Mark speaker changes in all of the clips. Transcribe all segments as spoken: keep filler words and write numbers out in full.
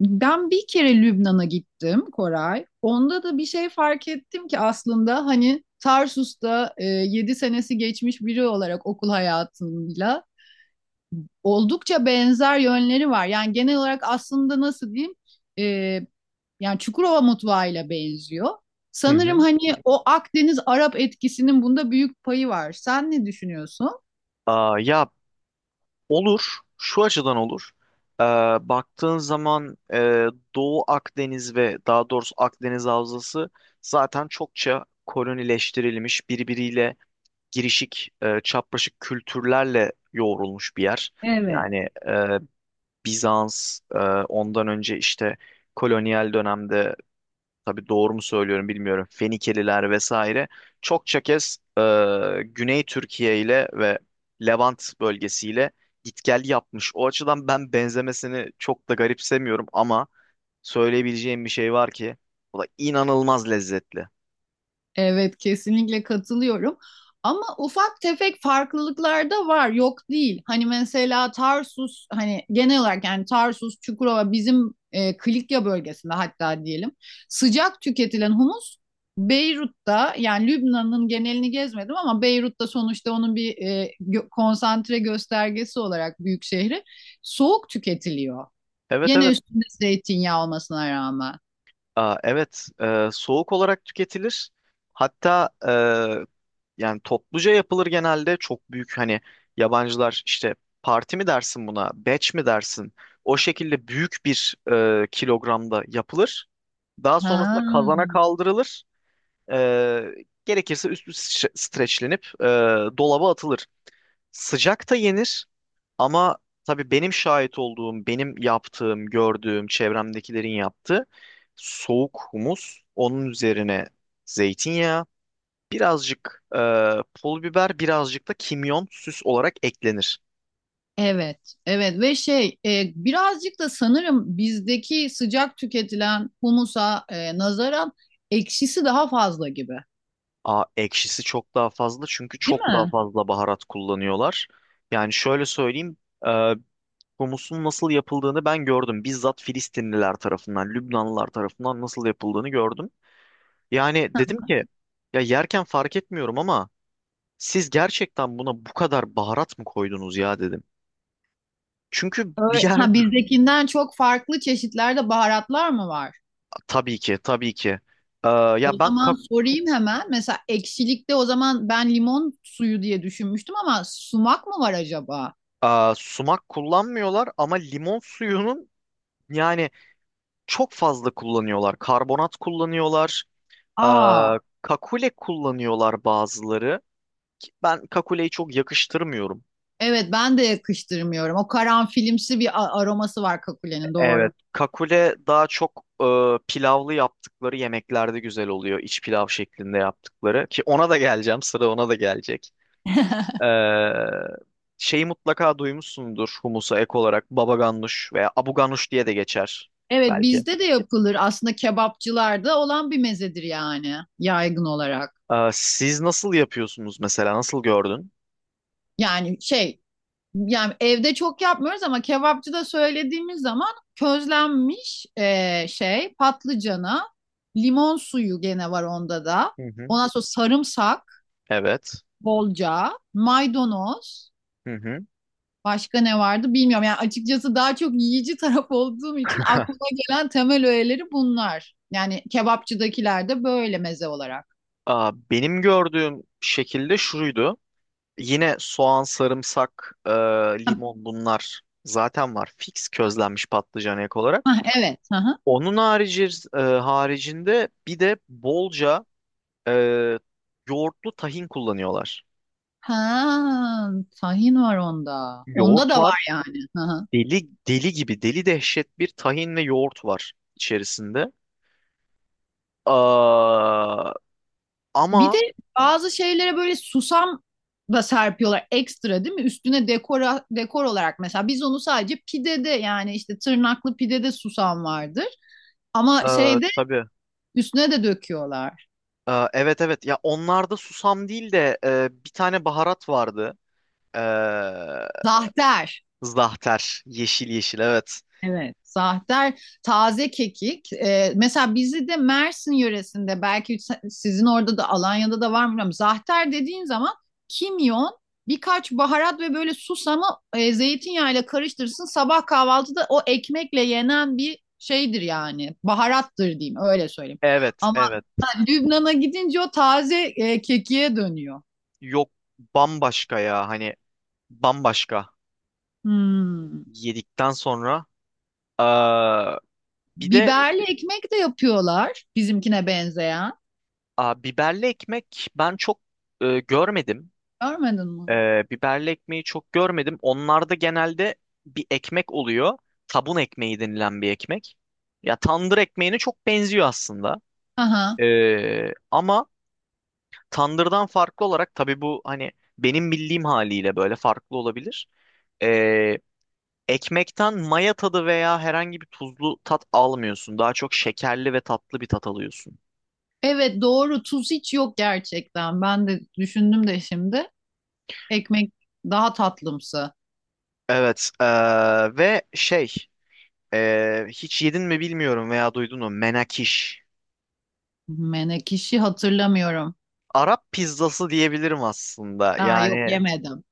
Speaker 1: Ben bir kere Lübnan'a gittim Koray. Onda da bir şey fark ettim ki aslında hani Tarsus'ta e, yedi senesi geçmiş biri olarak okul hayatıyla oldukça benzer yönleri var. Yani genel olarak aslında nasıl diyeyim e, yani Çukurova mutfağıyla benziyor.
Speaker 2: Hı hı.
Speaker 1: Sanırım hani o Akdeniz Arap etkisinin bunda büyük payı var. Sen ne düşünüyorsun?
Speaker 2: Aa, ya olur. Şu açıdan olur. Ee, baktığın zaman e, Doğu Akdeniz ve daha doğrusu Akdeniz Havzası zaten çokça kolonileştirilmiş, birbiriyle girişik, e, çapraşık kültürlerle yoğrulmuş bir yer.
Speaker 1: Evet.
Speaker 2: Yani e, Bizans, e, ondan önce işte kolonyal dönemde tabii doğru mu söylüyorum bilmiyorum. Fenikeliler vesaire. Çokça kez e, Güney Türkiye ile ve Levant bölgesiyle git gel yapmış. O açıdan ben benzemesini çok da garipsemiyorum ama söyleyebileceğim bir şey var ki o da inanılmaz lezzetli.
Speaker 1: Evet kesinlikle katılıyorum. Ama ufak tefek farklılıklar da var. Yok değil. Hani mesela Tarsus hani genel olarak yani Tarsus, Çukurova bizim e, Kilikya bölgesinde hatta diyelim. Sıcak tüketilen humus Beyrut'ta yani Lübnan'ın genelini gezmedim ama Beyrut'ta sonuçta onun bir e, gö- konsantre göstergesi olarak büyük şehri soğuk tüketiliyor.
Speaker 2: Evet,
Speaker 1: Gene
Speaker 2: evet.
Speaker 1: üstünde zeytinyağı olmasına rağmen.
Speaker 2: Aa, evet, e, soğuk olarak tüketilir. Hatta e, yani topluca yapılır, genelde çok büyük. Hani yabancılar işte parti mi dersin buna, batch mi dersin? O şekilde büyük bir e, kilogramda yapılır. Daha sonrasında
Speaker 1: Ha.
Speaker 2: kazana kaldırılır. E, gerekirse üstü stre- streçlenip e, dolaba atılır. Sıcak da yenir. Ama tabii benim şahit olduğum, benim yaptığım, gördüğüm, çevremdekilerin yaptığı soğuk humus, onun üzerine zeytinyağı, birazcık e, pul biber, birazcık da kimyon süs olarak eklenir.
Speaker 1: Evet, evet ve şey e, birazcık da sanırım bizdeki sıcak tüketilen humusa e, nazaran ekşisi daha fazla gibi,
Speaker 2: Aa, ekşisi çok daha fazla, çünkü
Speaker 1: değil
Speaker 2: çok daha
Speaker 1: mi?
Speaker 2: fazla baharat kullanıyorlar. Yani şöyle söyleyeyim, e, humusun nasıl yapıldığını ben gördüm. Bizzat Filistinliler tarafından, Lübnanlılar tarafından nasıl yapıldığını gördüm. Yani dedim ki ya, yerken fark etmiyorum ama siz gerçekten buna bu kadar baharat mı koydunuz ya, dedim. Çünkü bir
Speaker 1: Öyle.
Speaker 2: yer
Speaker 1: Ha bizdekinden çok farklı çeşitlerde baharatlar mı var?
Speaker 2: tabii ki, tabii ki. Ee, ya
Speaker 1: O
Speaker 2: ben
Speaker 1: zaman
Speaker 2: kak-
Speaker 1: sorayım hemen. Mesela ekşilikte o zaman ben limon suyu diye düşünmüştüm ama sumak mı var acaba?
Speaker 2: Aa, sumak kullanmıyorlar ama limon suyunun, yani, çok fazla kullanıyorlar. Karbonat kullanıyorlar.
Speaker 1: Aa,
Speaker 2: Aa, kakule kullanıyorlar bazıları. Ki ben kakuleyi çok yakıştırmıyorum.
Speaker 1: evet ben de yakıştırmıyorum. O karanfilimsi bir a- aroması var kakulenin doğru.
Speaker 2: Evet. Kakule daha çok e, pilavlı yaptıkları yemeklerde güzel oluyor. İç pilav şeklinde yaptıkları. Ki ona da geleceğim. Sıra ona da gelecek. Ee, şeyi mutlaka duymuşsundur, humusa ek olarak baba ganoush veya abu ganoush diye de geçer
Speaker 1: Evet
Speaker 2: belki.
Speaker 1: bizde de yapılır. Aslında kebapçılarda olan bir mezedir yani yaygın olarak.
Speaker 2: Ee, siz nasıl yapıyorsunuz mesela? Nasıl gördün?
Speaker 1: Yani şey yani evde çok yapmıyoruz ama kebapçıda söylediğimiz zaman közlenmiş e, şey patlıcana limon suyu gene var onda da.
Speaker 2: Hı hı.
Speaker 1: Ondan sonra sarımsak
Speaker 2: Evet.
Speaker 1: bolca, maydanoz,
Speaker 2: Hı hı.
Speaker 1: başka ne vardı bilmiyorum. Yani açıkçası daha çok yiyici taraf olduğum için aklıma gelen temel öğeleri bunlar. Yani kebapçıdakiler de böyle meze olarak.
Speaker 2: Aa, benim gördüğüm şekilde şuydu. Yine soğan, sarımsak, e, limon, bunlar zaten var. Fix közlenmiş patlıcan ek olarak.
Speaker 1: Hah, evet. Hı hı.
Speaker 2: Onun harici, e, haricinde bir de bolca e, yoğurtlu tahin kullanıyorlar.
Speaker 1: Ha, tahin var onda. Onda
Speaker 2: Yoğurt
Speaker 1: da var
Speaker 2: var.
Speaker 1: yani. Hı hı.
Speaker 2: Deli deli gibi deli dehşet bir tahin ve yoğurt var içerisinde. Aa,
Speaker 1: Bir de
Speaker 2: ama
Speaker 1: bazı şeylere böyle susam da serpiyorlar ekstra değil mi? Üstüne dekora, dekor olarak mesela biz onu sadece pidede yani işte tırnaklı pidede susam vardır. Ama
Speaker 2: e,
Speaker 1: şeyde
Speaker 2: tabii
Speaker 1: üstüne de döküyorlar.
Speaker 2: e, evet, evet. Ya, onlarda susam değil de e, bir tane baharat vardı. E,
Speaker 1: Zahter.
Speaker 2: zahter, yeşil yeşil, evet.
Speaker 1: Evet, zahter, taze kekik. Ee, mesela bizi de Mersin yöresinde belki se- sizin orada da Alanya'da da var mı bilmiyorum. Zahter dediğin zaman kimyon, birkaç baharat ve böyle susamı e, zeytinyağıyla karıştırırsın. Sabah kahvaltıda o ekmekle yenen bir şeydir yani. Baharattır diyeyim öyle söyleyeyim.
Speaker 2: Evet,
Speaker 1: Ama
Speaker 2: evet.
Speaker 1: ha, Lübnan'a gidince o taze e, kekiğe dönüyor.
Speaker 2: Yok, bambaşka ya, hani bambaşka
Speaker 1: Hmm.
Speaker 2: yedikten sonra. E, bir de
Speaker 1: Biberli ekmek de yapıyorlar bizimkine benzeyen.
Speaker 2: a, biberli ekmek ben çok e, görmedim.
Speaker 1: Görmedin mi?
Speaker 2: Ee, biberli ekmeği çok görmedim. Onlarda genelde bir ekmek oluyor. Tabun ekmeği denilen bir ekmek. Ya tandır ekmeğine çok benziyor aslında.
Speaker 1: Aha.
Speaker 2: Ee, ama tandırdan farklı olarak tabii, bu hani benim bildiğim haliyle böyle farklı olabilir. Ee, ekmekten maya tadı veya herhangi bir tuzlu tat almıyorsun. Daha çok şekerli ve tatlı bir tat alıyorsun.
Speaker 1: Evet doğru tuz hiç yok gerçekten. Ben de düşündüm de şimdi. Ekmek daha tatlımsı.
Speaker 2: Evet, ee, ve şey, ee, hiç yedin mi bilmiyorum veya duydun mu, menakiş.
Speaker 1: Menekşe hatırlamıyorum.
Speaker 2: Arap pizzası diyebilirim aslında.
Speaker 1: Aa yok
Speaker 2: Yani
Speaker 1: yemedim.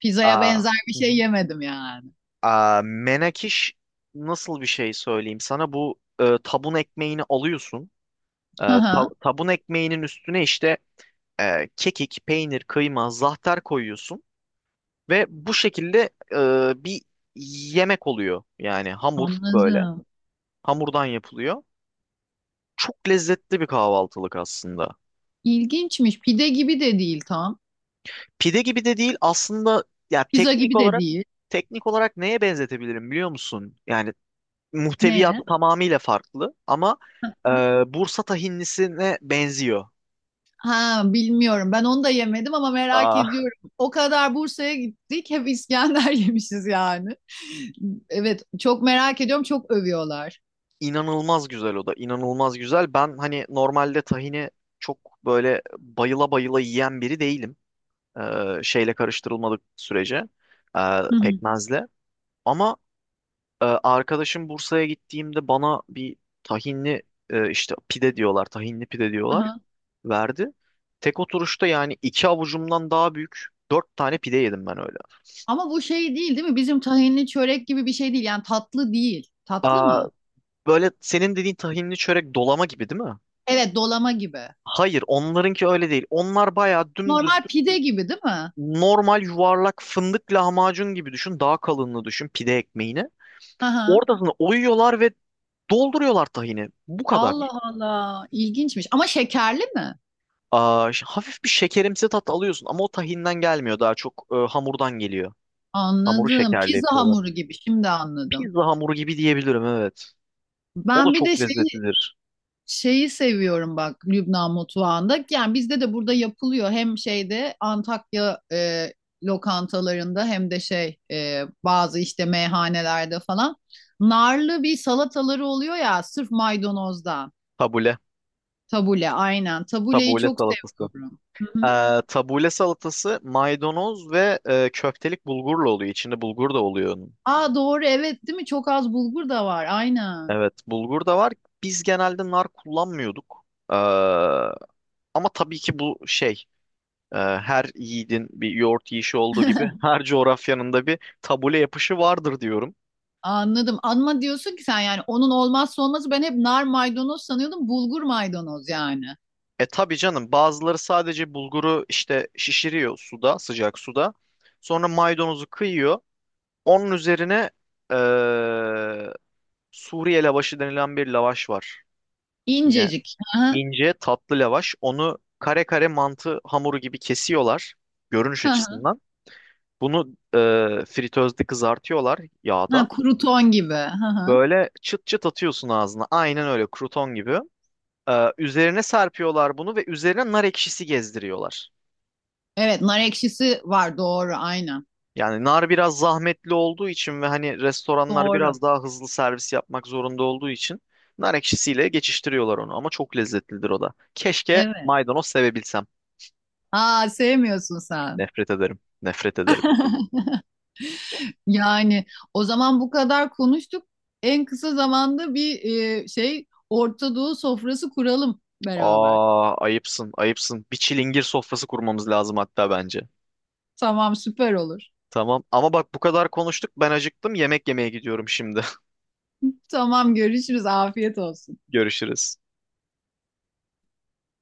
Speaker 1: Pizzaya
Speaker 2: aa,
Speaker 1: benzer bir
Speaker 2: hı
Speaker 1: şey
Speaker 2: hı.
Speaker 1: yemedim yani.
Speaker 2: Aa, menakiş nasıl bir şey söyleyeyim sana? Bu e, tabun ekmeğini alıyorsun. E,
Speaker 1: Hı
Speaker 2: ta-
Speaker 1: hı,
Speaker 2: tabun ekmeğinin üstüne işte e, kekik, peynir, kıyma, zahter koyuyorsun. Ve bu şekilde e, bir yemek oluyor. Yani hamur böyle.
Speaker 1: anladım.
Speaker 2: Hamurdan yapılıyor. Çok lezzetli bir kahvaltılık aslında.
Speaker 1: İlginçmiş. Pide gibi de değil tam.
Speaker 2: Pide gibi de değil aslında. Ya
Speaker 1: Pizza
Speaker 2: teknik
Speaker 1: gibi de
Speaker 2: olarak
Speaker 1: değil.
Speaker 2: teknik olarak neye benzetebilirim biliyor musun? Yani muhteviyatı
Speaker 1: Neye?
Speaker 2: tamamıyla farklı ama e, Bursa tahinlisine benziyor.
Speaker 1: Ha bilmiyorum. Ben onu da yemedim ama merak
Speaker 2: Aa,
Speaker 1: ediyorum. O kadar Bursa'ya gittik. Hep İskender yemişiz yani. Evet çok merak ediyorum. Çok övüyorlar.
Speaker 2: inanılmaz güzel, o da inanılmaz güzel. Ben hani normalde tahini çok böyle bayıla bayıla yiyen biri değilim. E, şeyle karıştırılmadık sürece, e,
Speaker 1: Hı
Speaker 2: pekmezle. Ama e, arkadaşım Bursa'ya gittiğimde bana bir tahinli e, işte pide diyorlar, tahinli pide diyorlar,
Speaker 1: hı.
Speaker 2: verdi. Tek oturuşta yani iki avucumdan daha büyük dört tane pide yedim ben öyle.
Speaker 1: Ama bu şey değil değil mi? Bizim tahinli çörek gibi bir şey değil. Yani tatlı değil. Tatlı
Speaker 2: Aa,
Speaker 1: mı?
Speaker 2: böyle senin dediğin tahinli çörek, dolama gibi değil mi?
Speaker 1: Evet, dolama gibi.
Speaker 2: Hayır, onlarınki öyle değil. Onlar bayağı dümdüz,
Speaker 1: Normal pide gibi değil mi?
Speaker 2: normal yuvarlak, fındık lahmacun gibi düşün. Daha kalınlığı düşün pide ekmeğini.
Speaker 1: Hı hı.
Speaker 2: Ortasını oyuyorlar ve dolduruyorlar tahini. Bu
Speaker 1: Allah
Speaker 2: kadar.
Speaker 1: Allah. İlginçmiş. Ama şekerli mi?
Speaker 2: Aa, ş- hafif bir şekerimsi tat alıyorsun ama o tahinden gelmiyor. Daha çok e, hamurdan geliyor. Hamuru
Speaker 1: Anladım.
Speaker 2: şekerli
Speaker 1: Pizza
Speaker 2: yapıyorlar.
Speaker 1: hamuru gibi. Şimdi anladım.
Speaker 2: Pizza hamuru gibi diyebilirim, evet. O da
Speaker 1: Ben bir de
Speaker 2: çok
Speaker 1: şey
Speaker 2: lezzetlidir.
Speaker 1: şeyi seviyorum bak Lübnan mutfağında. Yani bizde de burada yapılıyor. Hem şeyde Antakya e, lokantalarında hem de şey e, bazı işte meyhanelerde falan. Narlı bir salataları oluyor ya sırf maydanozdan.
Speaker 2: Tabule.
Speaker 1: Tabule aynen. Tabuleyi
Speaker 2: Tabule
Speaker 1: çok
Speaker 2: salatası.
Speaker 1: seviyorum. Hı hı.
Speaker 2: Ee, tabule salatası maydanoz ve e, köftelik bulgurla oluyor. İçinde bulgur da oluyor onun.
Speaker 1: Aa doğru evet değil mi? Çok az bulgur da var aynen.
Speaker 2: Evet, bulgur da var. Biz genelde nar kullanmıyorduk. Ee, ama tabii ki, bu şey, e, her yiğidin bir yoğurt yiyişi olduğu gibi her coğrafyanın da bir tabule yapışı vardır diyorum.
Speaker 1: Anladım. Anma diyorsun ki sen yani onun olmazsa olmazı ben hep nar maydanoz sanıyordum. Bulgur maydanoz yani.
Speaker 2: E tabii canım, bazıları sadece bulguru işte şişiriyor suda, sıcak suda. Sonra maydanozu kıyıyor. Onun üzerine eee, Suriye lavaşı denilen bir lavaş var. Yine
Speaker 1: İncecik. Hı hı.
Speaker 2: ince tatlı lavaş. Onu kare kare mantı hamuru gibi kesiyorlar, görünüş
Speaker 1: Hı hı.
Speaker 2: açısından. Bunu e, fritözde kızartıyorlar
Speaker 1: Ha,
Speaker 2: yağda.
Speaker 1: kuru ton gibi. Hı hı.
Speaker 2: Böyle çıt çıt atıyorsun ağzına. Aynen öyle kruton gibi. E, üzerine serpiyorlar bunu ve üzerine nar ekşisi gezdiriyorlar.
Speaker 1: Evet, nar ekşisi var doğru aynen.
Speaker 2: Yani nar biraz zahmetli olduğu için ve hani restoranlar
Speaker 1: Doğru.
Speaker 2: biraz daha hızlı servis yapmak zorunda olduğu için nar ekşisiyle geçiştiriyorlar onu ama çok lezzetlidir o da. Keşke
Speaker 1: Evet.
Speaker 2: maydanoz sevebilsem.
Speaker 1: Aa sevmiyorsun sen.
Speaker 2: Nefret ederim, nefret ederim.
Speaker 1: Yani o zaman bu kadar konuştuk. En kısa zamanda bir e, şey Orta Doğu sofrası kuralım beraber.
Speaker 2: Aa, ayıpsın, ayıpsın. Bir çilingir sofrası kurmamız lazım hatta bence.
Speaker 1: Tamam süper olur.
Speaker 2: Tamam, ama bak, bu kadar konuştuk, ben acıktım, yemek yemeye gidiyorum şimdi.
Speaker 1: Tamam görüşürüz. Afiyet olsun.
Speaker 2: Görüşürüz.